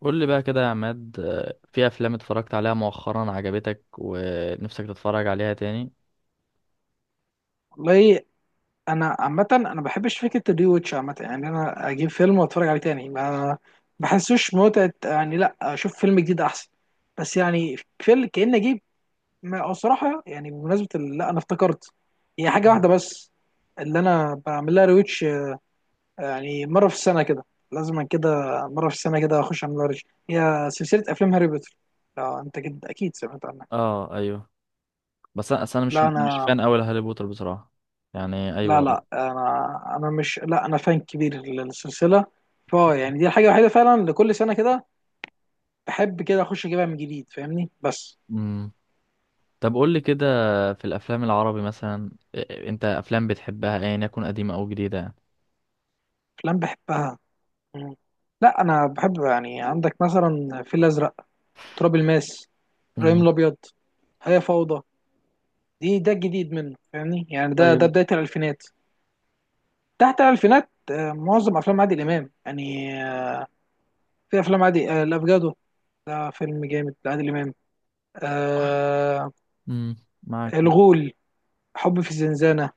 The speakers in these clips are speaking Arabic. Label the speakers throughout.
Speaker 1: قول لي بقى كده يا عماد، في افلام اتفرجت عليها مؤخرا عجبتك ونفسك تتفرج عليها تاني؟
Speaker 2: والله، انا عامه انا ما بحبش فكره الري واتش عامه، يعني انا اجيب فيلم واتفرج عليه تاني ما بحسوش متعه. يعني لا، اشوف فيلم جديد احسن. بس يعني فيلم كأني اجيب. او صراحه، يعني بمناسبه لا، انا افتكرت، هي حاجه واحده بس اللي انا بعمل لها ريوتش، يعني مره في السنه كده. لازم كده. مره في السنه كده اخش اعمل لها ريوتش، هي سلسله افلام هاري بوتر. لو انت كده اكيد سمعت عنها.
Speaker 1: اه، ايوه. بس انا أصل انا مش
Speaker 2: لا
Speaker 1: مش
Speaker 2: انا.
Speaker 1: فان قوي لهاري بوتر بصراحه. يعني
Speaker 2: لا
Speaker 1: ايوه بقى.
Speaker 2: لا انا انا مش لا انا فان كبير للسلسله. فا يعني دي الحاجه الوحيده فعلا، لكل سنه كده بحب كده اخش اجيبها من جديد، فاهمني بس.
Speaker 1: امم. طب قول لي كده، في الافلام العربي مثلا، انت افلام بتحبها ايا يكن قديمه او جديده؟ يعني
Speaker 2: افلام بحبها. مم. لا، انا بحب، يعني عندك مثلا الفيل الازرق، تراب الماس، ابراهيم
Speaker 1: امم.
Speaker 2: الابيض، هي فوضى. دي الجديد منه، فاهمني؟ يعني ده
Speaker 1: ايوه.
Speaker 2: بدايه الالفينات. تحت الالفينات، معظم افلام عادل امام، يعني في افلام عادي. الافجادو ده فيلم جامد لعادل امام، آه.
Speaker 1: امم. معاك.
Speaker 2: الغول، حب في الزنزانه.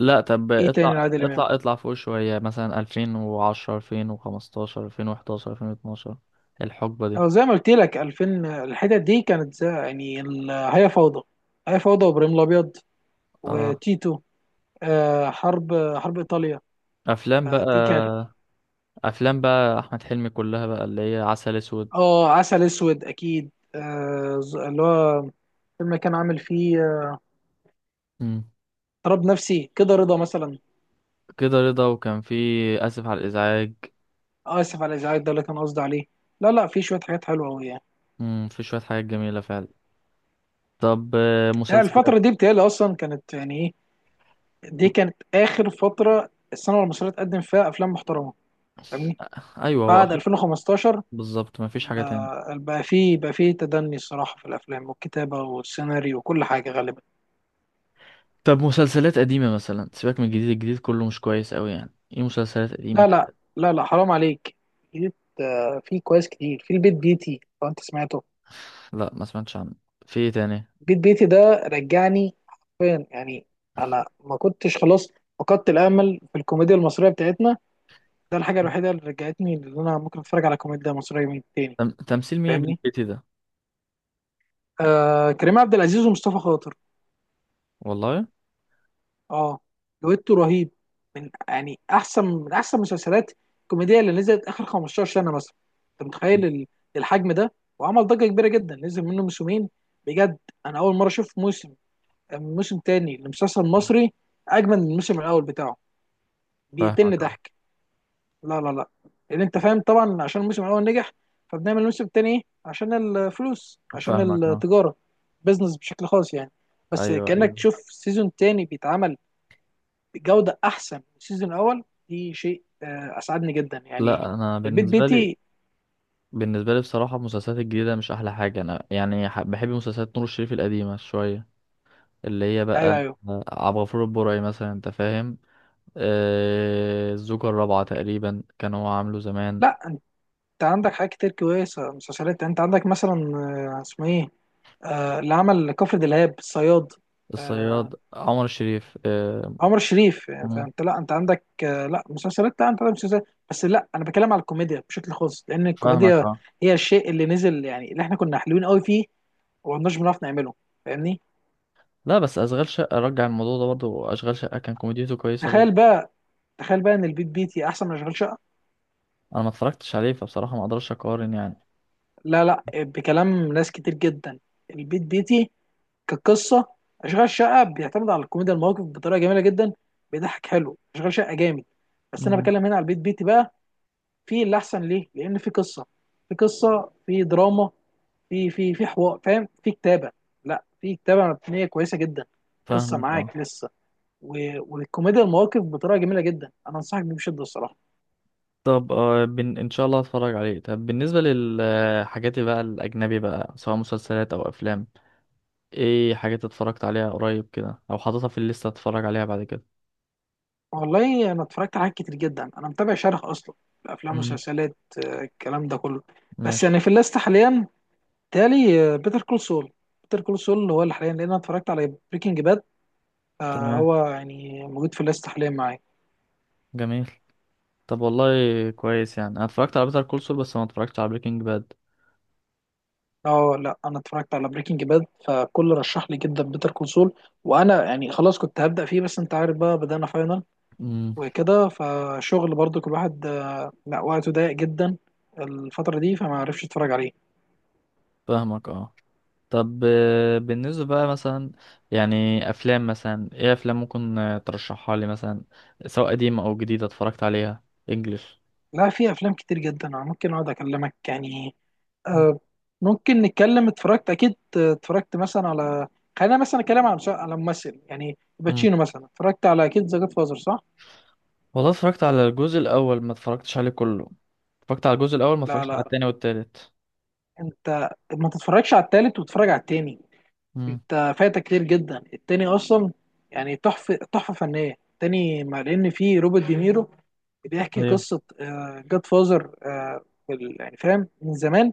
Speaker 1: لا طب
Speaker 2: ايه
Speaker 1: اطلع
Speaker 2: تاني لعادل امام؟
Speaker 1: اطلع اطلع فوق شويه، مثلا 2010 2015 2011 2012، الحقبه دي.
Speaker 2: اه زي ما قلت لك، 2000 الحتت دي كانت، زي يعني هي فوضى، هي فوضى، وابراهيم الابيض،
Speaker 1: اه،
Speaker 2: وتيتو. آه، حرب ايطاليا.
Speaker 1: افلام
Speaker 2: آه،
Speaker 1: بقى
Speaker 2: دي كانت.
Speaker 1: افلام بقى احمد حلمي كلها بقى، اللي هي عسل اسود.
Speaker 2: اه، عسل اسود اكيد. اللي هو فيلم كان عامل فيه
Speaker 1: مم.
Speaker 2: اضطراب نفسي، كده رضا مثلا.
Speaker 1: كده رضا وكان في اسف على الازعاج.
Speaker 2: آه، اسف على الازعاج، ده اللي كان قصدي عليه. لا لا، في شويه حاجات حلوه قوي يعني.
Speaker 1: مم. في شويه حاجات جميله فعلا. طب،
Speaker 2: لا،
Speaker 1: مسلسلات.
Speaker 2: الفتره دي بتهيألي اصلا كانت يعني ايه، دي كانت اخر فتره السينما المصريه تقدم فيها افلام محترمه، فاهمني؟
Speaker 1: ايوه هو
Speaker 2: بعد
Speaker 1: اخر.
Speaker 2: 2015
Speaker 1: بالظبط، مفيش حاجه تاني.
Speaker 2: لا، بقى فيه، بقى فيه تدني الصراحة في الأفلام والكتابة والسيناريو وكل حاجة غالبا.
Speaker 1: طب مسلسلات قديمه مثلا، سيبك من الجديد كله مش كويس قوي يعني. ايه مسلسلات قديمه
Speaker 2: لا لا
Speaker 1: كده؟
Speaker 2: لا لا حرام عليك. جيت، آه، في كويس كتير. في البيت بيتي، لو أنت سمعته.
Speaker 1: لا ما سمعتش عنه. في ايه تاني؟
Speaker 2: البيت بيتي ده رجعني حرفيا، يعني أنا ما كنتش، خلاص فقدت الأمل في الكوميديا المصرية بتاعتنا. ده الحاجة الوحيدة اللي رجعتني، اللي أنا ممكن أتفرج على كوميديا مصرية من تاني،
Speaker 1: تمثيل مين
Speaker 2: فاهمني؟
Speaker 1: بالبيتي ده؟
Speaker 2: آه، كريم عبد العزيز ومصطفى خاطر.
Speaker 1: والله.
Speaker 2: اه، دويتو رهيب، من يعني احسن من احسن مسلسلات الكوميديه اللي نزلت اخر 15 سنه مثلا. انت
Speaker 1: مم.
Speaker 2: متخيل الحجم ده؟ وعمل ضجه كبيره جدا، نزل منه موسمين. بجد، انا اول مره اشوف موسم تاني لمسلسل مصري اجمل من الموسم الاول بتاعه. بيقتلني
Speaker 1: فاهمك، اه.
Speaker 2: ضحك. لا، لان انت فاهم طبعا، عشان الموسم الاول نجح، فبنعمل الموسم التاني إيه؟ عشان الفلوس، عشان
Speaker 1: فاهمك، اه.
Speaker 2: التجاره، بزنس، بشكل خاص يعني. بس
Speaker 1: ايوه،
Speaker 2: كانك
Speaker 1: ايوه.
Speaker 2: تشوف سيزون تاني بيتعمل بجوده احسن من السيزون الاول، دي شيء اسعدني جدا يعني.
Speaker 1: لا انا
Speaker 2: البيت
Speaker 1: بالنسبه لي،
Speaker 2: بيتي.
Speaker 1: بالنسبة لي بصراحة المسلسلات الجديدة مش أحلى حاجة. أنا يعني بحب مسلسلات نور الشريف القديمة شوية، اللي هي
Speaker 2: ايوه
Speaker 1: بقى
Speaker 2: ايوه،
Speaker 1: عبد الغفور البرعي مثلا، أنت فاهم. الزوجة الرابعة تقريبا كان هو عامله زمان.
Speaker 2: لا انت عندك حاجات كتير كويسه. مسلسلات، انت عندك مثلا، آه، اسمه ايه، آه، اللي عمل كفر دلهاب، الصياد. آه،
Speaker 1: الصياد عمر الشريف،
Speaker 2: عمر شريف، يعني
Speaker 1: مم.
Speaker 2: فانت، لا انت عندك، آه، لا مسلسلات، لا انت عندك مسلسلات. بس لا، انا بتكلم على الكوميديا بشكل خاص، لان
Speaker 1: فاهمك،
Speaker 2: الكوميديا
Speaker 1: اه.
Speaker 2: هي الشيء اللي نزل يعني، اللي احنا كنا حلوين قوي فيه وما كناش بنعرف نعمله، فاهمني؟
Speaker 1: لا بس أشغال شقة رجع الموضوع ده برضه. أشغال شقة كان كوميديته كويسة
Speaker 2: تخيل
Speaker 1: برضه.
Speaker 2: بقى، تخيل بقى ان البيت بيتي احسن من اشغال شقه.
Speaker 1: أنا ما اتفرجتش عليه، فبصراحة ما أقدرش أقارن يعني.
Speaker 2: لا لا، بكلام ناس كتير جدا البيت بيتي، كقصة. أشغال شقة بيعتمد على الكوميديا المواقف بطريقة جميلة جدا، بيضحك حلو، أشغال شقة جامد. بس أنا
Speaker 1: مم.
Speaker 2: بتكلم هنا على البيت بيتي بقى، في اللي أحسن ليه، لأن في قصة، في قصة، في دراما، في حوار، فاهم، في كتابة، لا في كتابة مبنية كويسة جدا. قصة،
Speaker 1: فاهمك، اه.
Speaker 2: معاك لسه؟ والكوميديا المواقف بطريقة جميلة جدا، أنا أنصحك بيه بشدة الصراحة.
Speaker 1: طب، ان شاء الله هتفرج عليه. طب بالنسبه للحاجات بقى الاجنبي بقى، سواء مسلسلات او افلام، ايه حاجات اتفرجت عليها قريب كده او حاططها في الليسته اتفرج عليها بعد كده؟
Speaker 2: والله، انا اتفرجت على حاجات كتير جدا، انا متابع شرح اصلا الافلام
Speaker 1: مم.
Speaker 2: والمسلسلات، الكلام ده كله. بس
Speaker 1: ماشي.
Speaker 2: يعني في الليست حاليا، تالي، بيتر كول سول. بيتر كول سول هو اللي حاليا، لان انا اتفرجت على بريكنج باد،
Speaker 1: تمام.
Speaker 2: فهو يعني موجود في الليست حاليا معايا.
Speaker 1: جميل. طب والله، كويس. يعني انا اتفرجت على بيتر كول سول، بس ما اتفرجتش على بريكنج باد.
Speaker 2: اه لا، انا اتفرجت على بريكنج باد، فكل رشح لي جدا بيتر كول سول. وانا يعني خلاص، كنت هبدا فيه، بس انت عارف بقى، بدانا فاينل
Speaker 1: امم.
Speaker 2: وكده، فشغل برضو كل واحد، لا وقته ضيق جدا الفتره دي، فما عرفش اتفرج عليه.
Speaker 1: فاهمك، اه. طب، بالنسبة بقى مثلا، يعني أفلام مثلا إيه، أفلام ممكن ترشحها لي مثلا، سواء قديمة أو جديدة، اتفرجت عليها إنجلش؟
Speaker 2: لا، في افلام كتير جدا، انا ممكن اقعد اكلمك يعني، آه. ممكن نتكلم، اتفرجت اكيد، اتفرجت مثلا على، خلينا مثلا اتكلم على على ممثل يعني باتشينو، مثلا اتفرجت على اكيد ذا جاد فازر، صح؟
Speaker 1: والله اتفرجت على الجزء الاول، ما اتفرجتش عليه كله. اتفرجت على الجزء الاول، ما
Speaker 2: لا
Speaker 1: اتفرجتش على
Speaker 2: لا،
Speaker 1: التاني والتالت.
Speaker 2: انت ما تتفرجش على التالت وتتفرج على التاني.
Speaker 1: امم.
Speaker 2: انت فايتك كتير جدا التاني اصلا. يعني تحفه، تحفه فنيه التاني، مع ان فيه روبرت دينيرو بيحكي
Speaker 1: ايوه.
Speaker 2: قصه جاد فازر، يعني فاهم من زمان،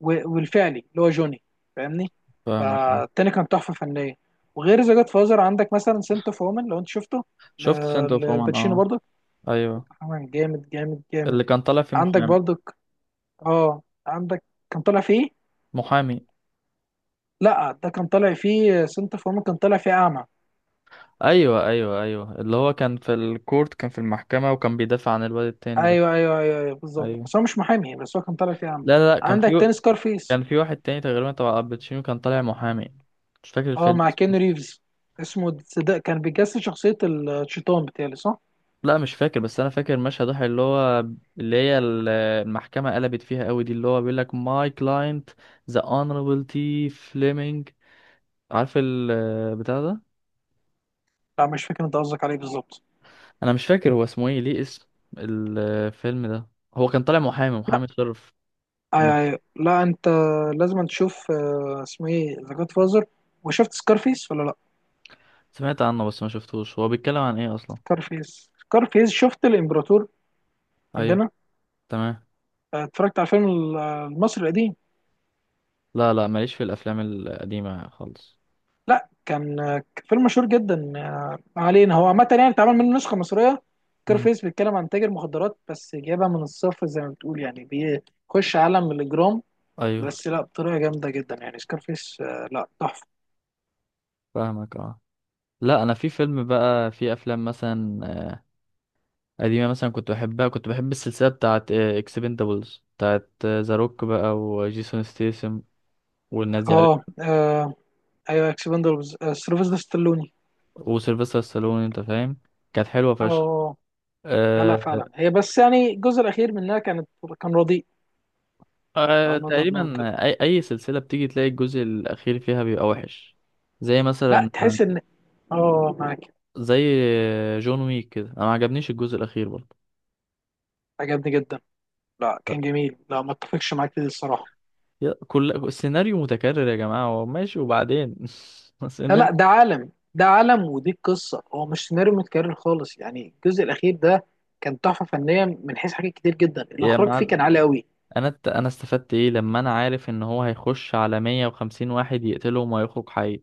Speaker 2: والفعلي اللي هو جوني، فاهمني؟
Speaker 1: فاهمك، اه.
Speaker 2: فالتاني كان تحفه فنيه. وغير ذا جاد فازر، عندك مثلا سنت اوف وومن لو انت شفته، ل-
Speaker 1: شفت سنت اوف وومن،
Speaker 2: للباتشينو
Speaker 1: اه.
Speaker 2: برضه،
Speaker 1: ايوه.
Speaker 2: كمان جامد جامد جامد.
Speaker 1: اللي كان طالع فيه
Speaker 2: عندك
Speaker 1: محامي.
Speaker 2: برضك، اه، عندك، كان طالع فيه.
Speaker 1: محامي.
Speaker 2: لا ده كان طالع فيه سنت اوف وومن، كان طالع فيه اعمى.
Speaker 1: ايوه، ايوه، ايوه، اللي هو كان في الكورت، كان في المحكمة، وكان بيدافع عن الواد التاني ده.
Speaker 2: ايوه ايوه ايوه، أيوة بالظبط،
Speaker 1: ايوه.
Speaker 2: بس هو مش محامي، بس هو كان طالع فيه عم.
Speaker 1: لا، لا، لا، كان
Speaker 2: عندك
Speaker 1: في،
Speaker 2: تاني سكارفيس.
Speaker 1: كان في واحد تاني تقريبا تبع الباتشينو، كان طالع محامي. مش فاكر
Speaker 2: اه
Speaker 1: الفيلم.
Speaker 2: مع كين ريفز، اسمه ده، كان بيجسد شخصية الشيطان، بتاعي صح؟
Speaker 1: لا مش فاكر، بس انا فاكر مشهد واحد، اللي هو اللي هي المحكمه قلبت فيها قوي دي، اللي هو بيقول لك ماي كلاينت ذا اونربل تي فليمنج. عارف البتاع ده.
Speaker 2: لا مش فاكر انت قصدك عليه بالظبط.
Speaker 1: انا مش فاكر هو اسمه ايه، ليه اسم الفيلم ده. هو كان طالع محامي
Speaker 2: لا،
Speaker 1: محامي شرف. م-
Speaker 2: ايوه ايوه، لا انت لازم تشوف، آه، اسمه ايه، ذا جاد فازر. وشفت سكارفيس ولا لا؟
Speaker 1: سمعت عنه بس ما شفتوش. هو بيتكلم عن ايه اصلا؟
Speaker 2: سكارفيس، سكارفيس، شفت الامبراطور
Speaker 1: ايوه.
Speaker 2: عندنا؟
Speaker 1: تمام.
Speaker 2: آه، اتفرجت على الفيلم المصري القديم.
Speaker 1: لا، لا، ماليش في الافلام القديمه خالص.
Speaker 2: لا كان، كان فيلم مشهور جدا، آه، ما علينا، هو عامة يعني اتعمل منه نسخة مصرية.
Speaker 1: امم.
Speaker 2: كارفيس بيتكلم عن تاجر مخدرات، بس جايبها من الصفر زي ما بتقول يعني، بيخش عالم الإجرام،
Speaker 1: ايوه.
Speaker 2: بس لا بطريقة جامدة جدا يعني. سكارفيس آه، لا تحفة.
Speaker 1: فاهمك، اه. لا انا في فيلم بقى، في افلام مثلا قديمة مثلا كنت بحبها، كنت بحب السلسلة بتاعت اكسبندابلز بتاعت ذا روك بقى، وجيسون ستيسم والناس دي
Speaker 2: اه،
Speaker 1: عارفها،
Speaker 2: آه، ايوه اكسبندبلز. آه، سيلفستر ستالوني.
Speaker 1: وسيلفستر ستالون، انت فاهم. كانت حلوة فشخ.
Speaker 2: اه لا لا،
Speaker 1: أه.
Speaker 2: فعلا هي، بس يعني الجزء الأخير منها كانت، كان رديء، لو
Speaker 1: أه
Speaker 2: نقدر نقول
Speaker 1: تقريبا.
Speaker 2: كده.
Speaker 1: أي سلسلة بتيجي تلاقي الجزء الأخير فيها بيبقى وحش. زي
Speaker 2: لا،
Speaker 1: مثلا،
Speaker 2: تحس ان، اه معاك.
Speaker 1: زي جون ويك كده، أنا ما عجبنيش الجزء الأخير برضه.
Speaker 2: عجبني جدا، لا
Speaker 1: لا،
Speaker 2: كان جميل، لا ما اتفقش معاك دي الصراحة.
Speaker 1: كل السيناريو متكرر يا جماعة، هو ماشي وبعدين
Speaker 2: لا
Speaker 1: السيناريو.
Speaker 2: لا، ده عالم، ده عالم ودي القصه، هو مش سيناريو متكرر خالص يعني. الجزء الاخير ده كان تحفه فنيه من حيث حاجات كتير جدا،
Speaker 1: يا
Speaker 2: الاخراج فيه
Speaker 1: معلم،
Speaker 2: كان عالي قوي.
Speaker 1: انا استفدت ايه لما انا عارف ان هو هيخش على 150 واحد يقتلهم ويخرج حي؟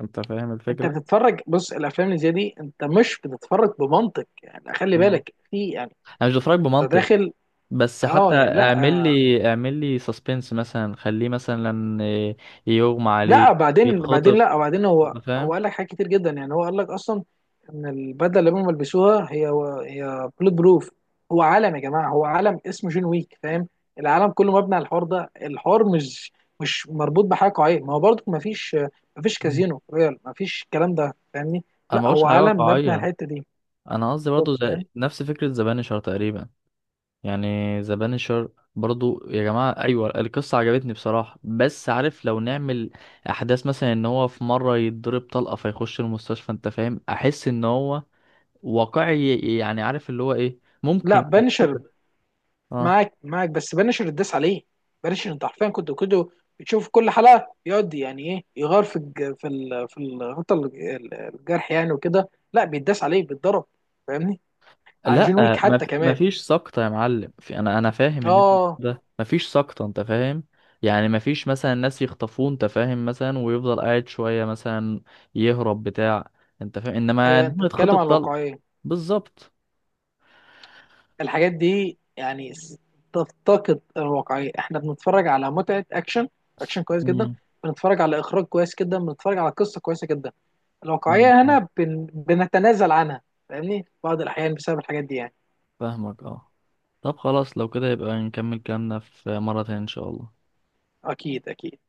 Speaker 1: انت فاهم
Speaker 2: انت
Speaker 1: الفكرة.
Speaker 2: بتتفرج، بص الافلام اللي زي دي انت مش بتتفرج بمنطق، يعني خلي
Speaker 1: اه،
Speaker 2: بالك في يعني،
Speaker 1: انا مش بتفرج
Speaker 2: انت
Speaker 1: بمنطق.
Speaker 2: داخل.
Speaker 1: بس حتى
Speaker 2: اه يعني لا،
Speaker 1: اعمل لي اعمل لي سسبنس مثلا، خليه مثلا يغمى عليه،
Speaker 2: لا بعدين، بعدين
Speaker 1: يتخطف،
Speaker 2: لا بعدين، هو
Speaker 1: انت فاهم.
Speaker 2: هو قال لك حاجات كتير جدا يعني، هو قال لك اصلا ان البدله اللي هم بيلبسوها هي، هي بلوت بروف. هو عالم يا جماعه، هو عالم اسمه جون ويك، فاهم؟ العالم كله مبني على الحوار ده، الحوار مش مربوط بحاجه قويه، ما هو برضك ما فيش، ما فيش
Speaker 1: مم.
Speaker 2: كازينو ريال، ما فيش الكلام ده، فاهمني؟
Speaker 1: انا
Speaker 2: لا
Speaker 1: ما بقولش
Speaker 2: هو
Speaker 1: حاجة
Speaker 2: عالم مبني على
Speaker 1: واقعية.
Speaker 2: الحته دي،
Speaker 1: انا قصدي برضه
Speaker 2: بالظبط،
Speaker 1: زي
Speaker 2: فاهم؟
Speaker 1: نفس فكرة ذا بانشر تقريبا. يعني ذا بانشر برضو يا جماعة، أيوة القصة عجبتني بصراحة، بس عارف لو نعمل أحداث مثلا، إن هو في مرة يتضرب طلقة فيخش المستشفى، أنت فاهم، أحس إن هو واقعي، يعني عارف اللي هو إيه،
Speaker 2: لا
Speaker 1: ممكن
Speaker 2: بنشر،
Speaker 1: يتقتل. اه.
Speaker 2: معاك معاك، بس بنشر الداس عليه. بنشر انت حرفيا كنت كده بتشوف كل حلقه يقعد يعني ايه، يغار في الغطا الجرح يعني، وكده لا بيتداس عليه، بيتضرب، فاهمني؟ عن جون ويك
Speaker 1: لا
Speaker 2: حتى
Speaker 1: ما
Speaker 2: كمان،
Speaker 1: فيش سقطة يا معلم في، انا فاهم اللي انت
Speaker 2: اه.
Speaker 1: بتقوله ده، ما فيش سقطة انت فاهم. يعني ما فيش مثلا ناس يخطفوه انت فاهم، مثلا ويفضل قاعد شوية مثلا يهرب بتاع. انت فاهم، انما
Speaker 2: أيوة،
Speaker 1: إن
Speaker 2: انت
Speaker 1: هو
Speaker 2: بتتكلم
Speaker 1: يتخطف
Speaker 2: عن
Speaker 1: طلقة.
Speaker 2: الواقعيه،
Speaker 1: بالظبط.
Speaker 2: الحاجات دي يعني تفتقد الواقعيه. احنا بنتفرج على متعه اكشن، اكشن كويس جدا.
Speaker 1: مم.
Speaker 2: بنتفرج على اخراج كويس جدا، بنتفرج على قصه كويسه جدا.
Speaker 1: فاهمك،
Speaker 2: الواقعيه
Speaker 1: اه.
Speaker 2: هنا بنتنازل عنها، فاهمني؟ بعض الاحيان بسبب الحاجات دي يعني.
Speaker 1: فاهمك، اه. طب خلاص، لو كده يبقى نكمل كلامنا في مرة تانية ان شاء الله.
Speaker 2: اكيد اكيد.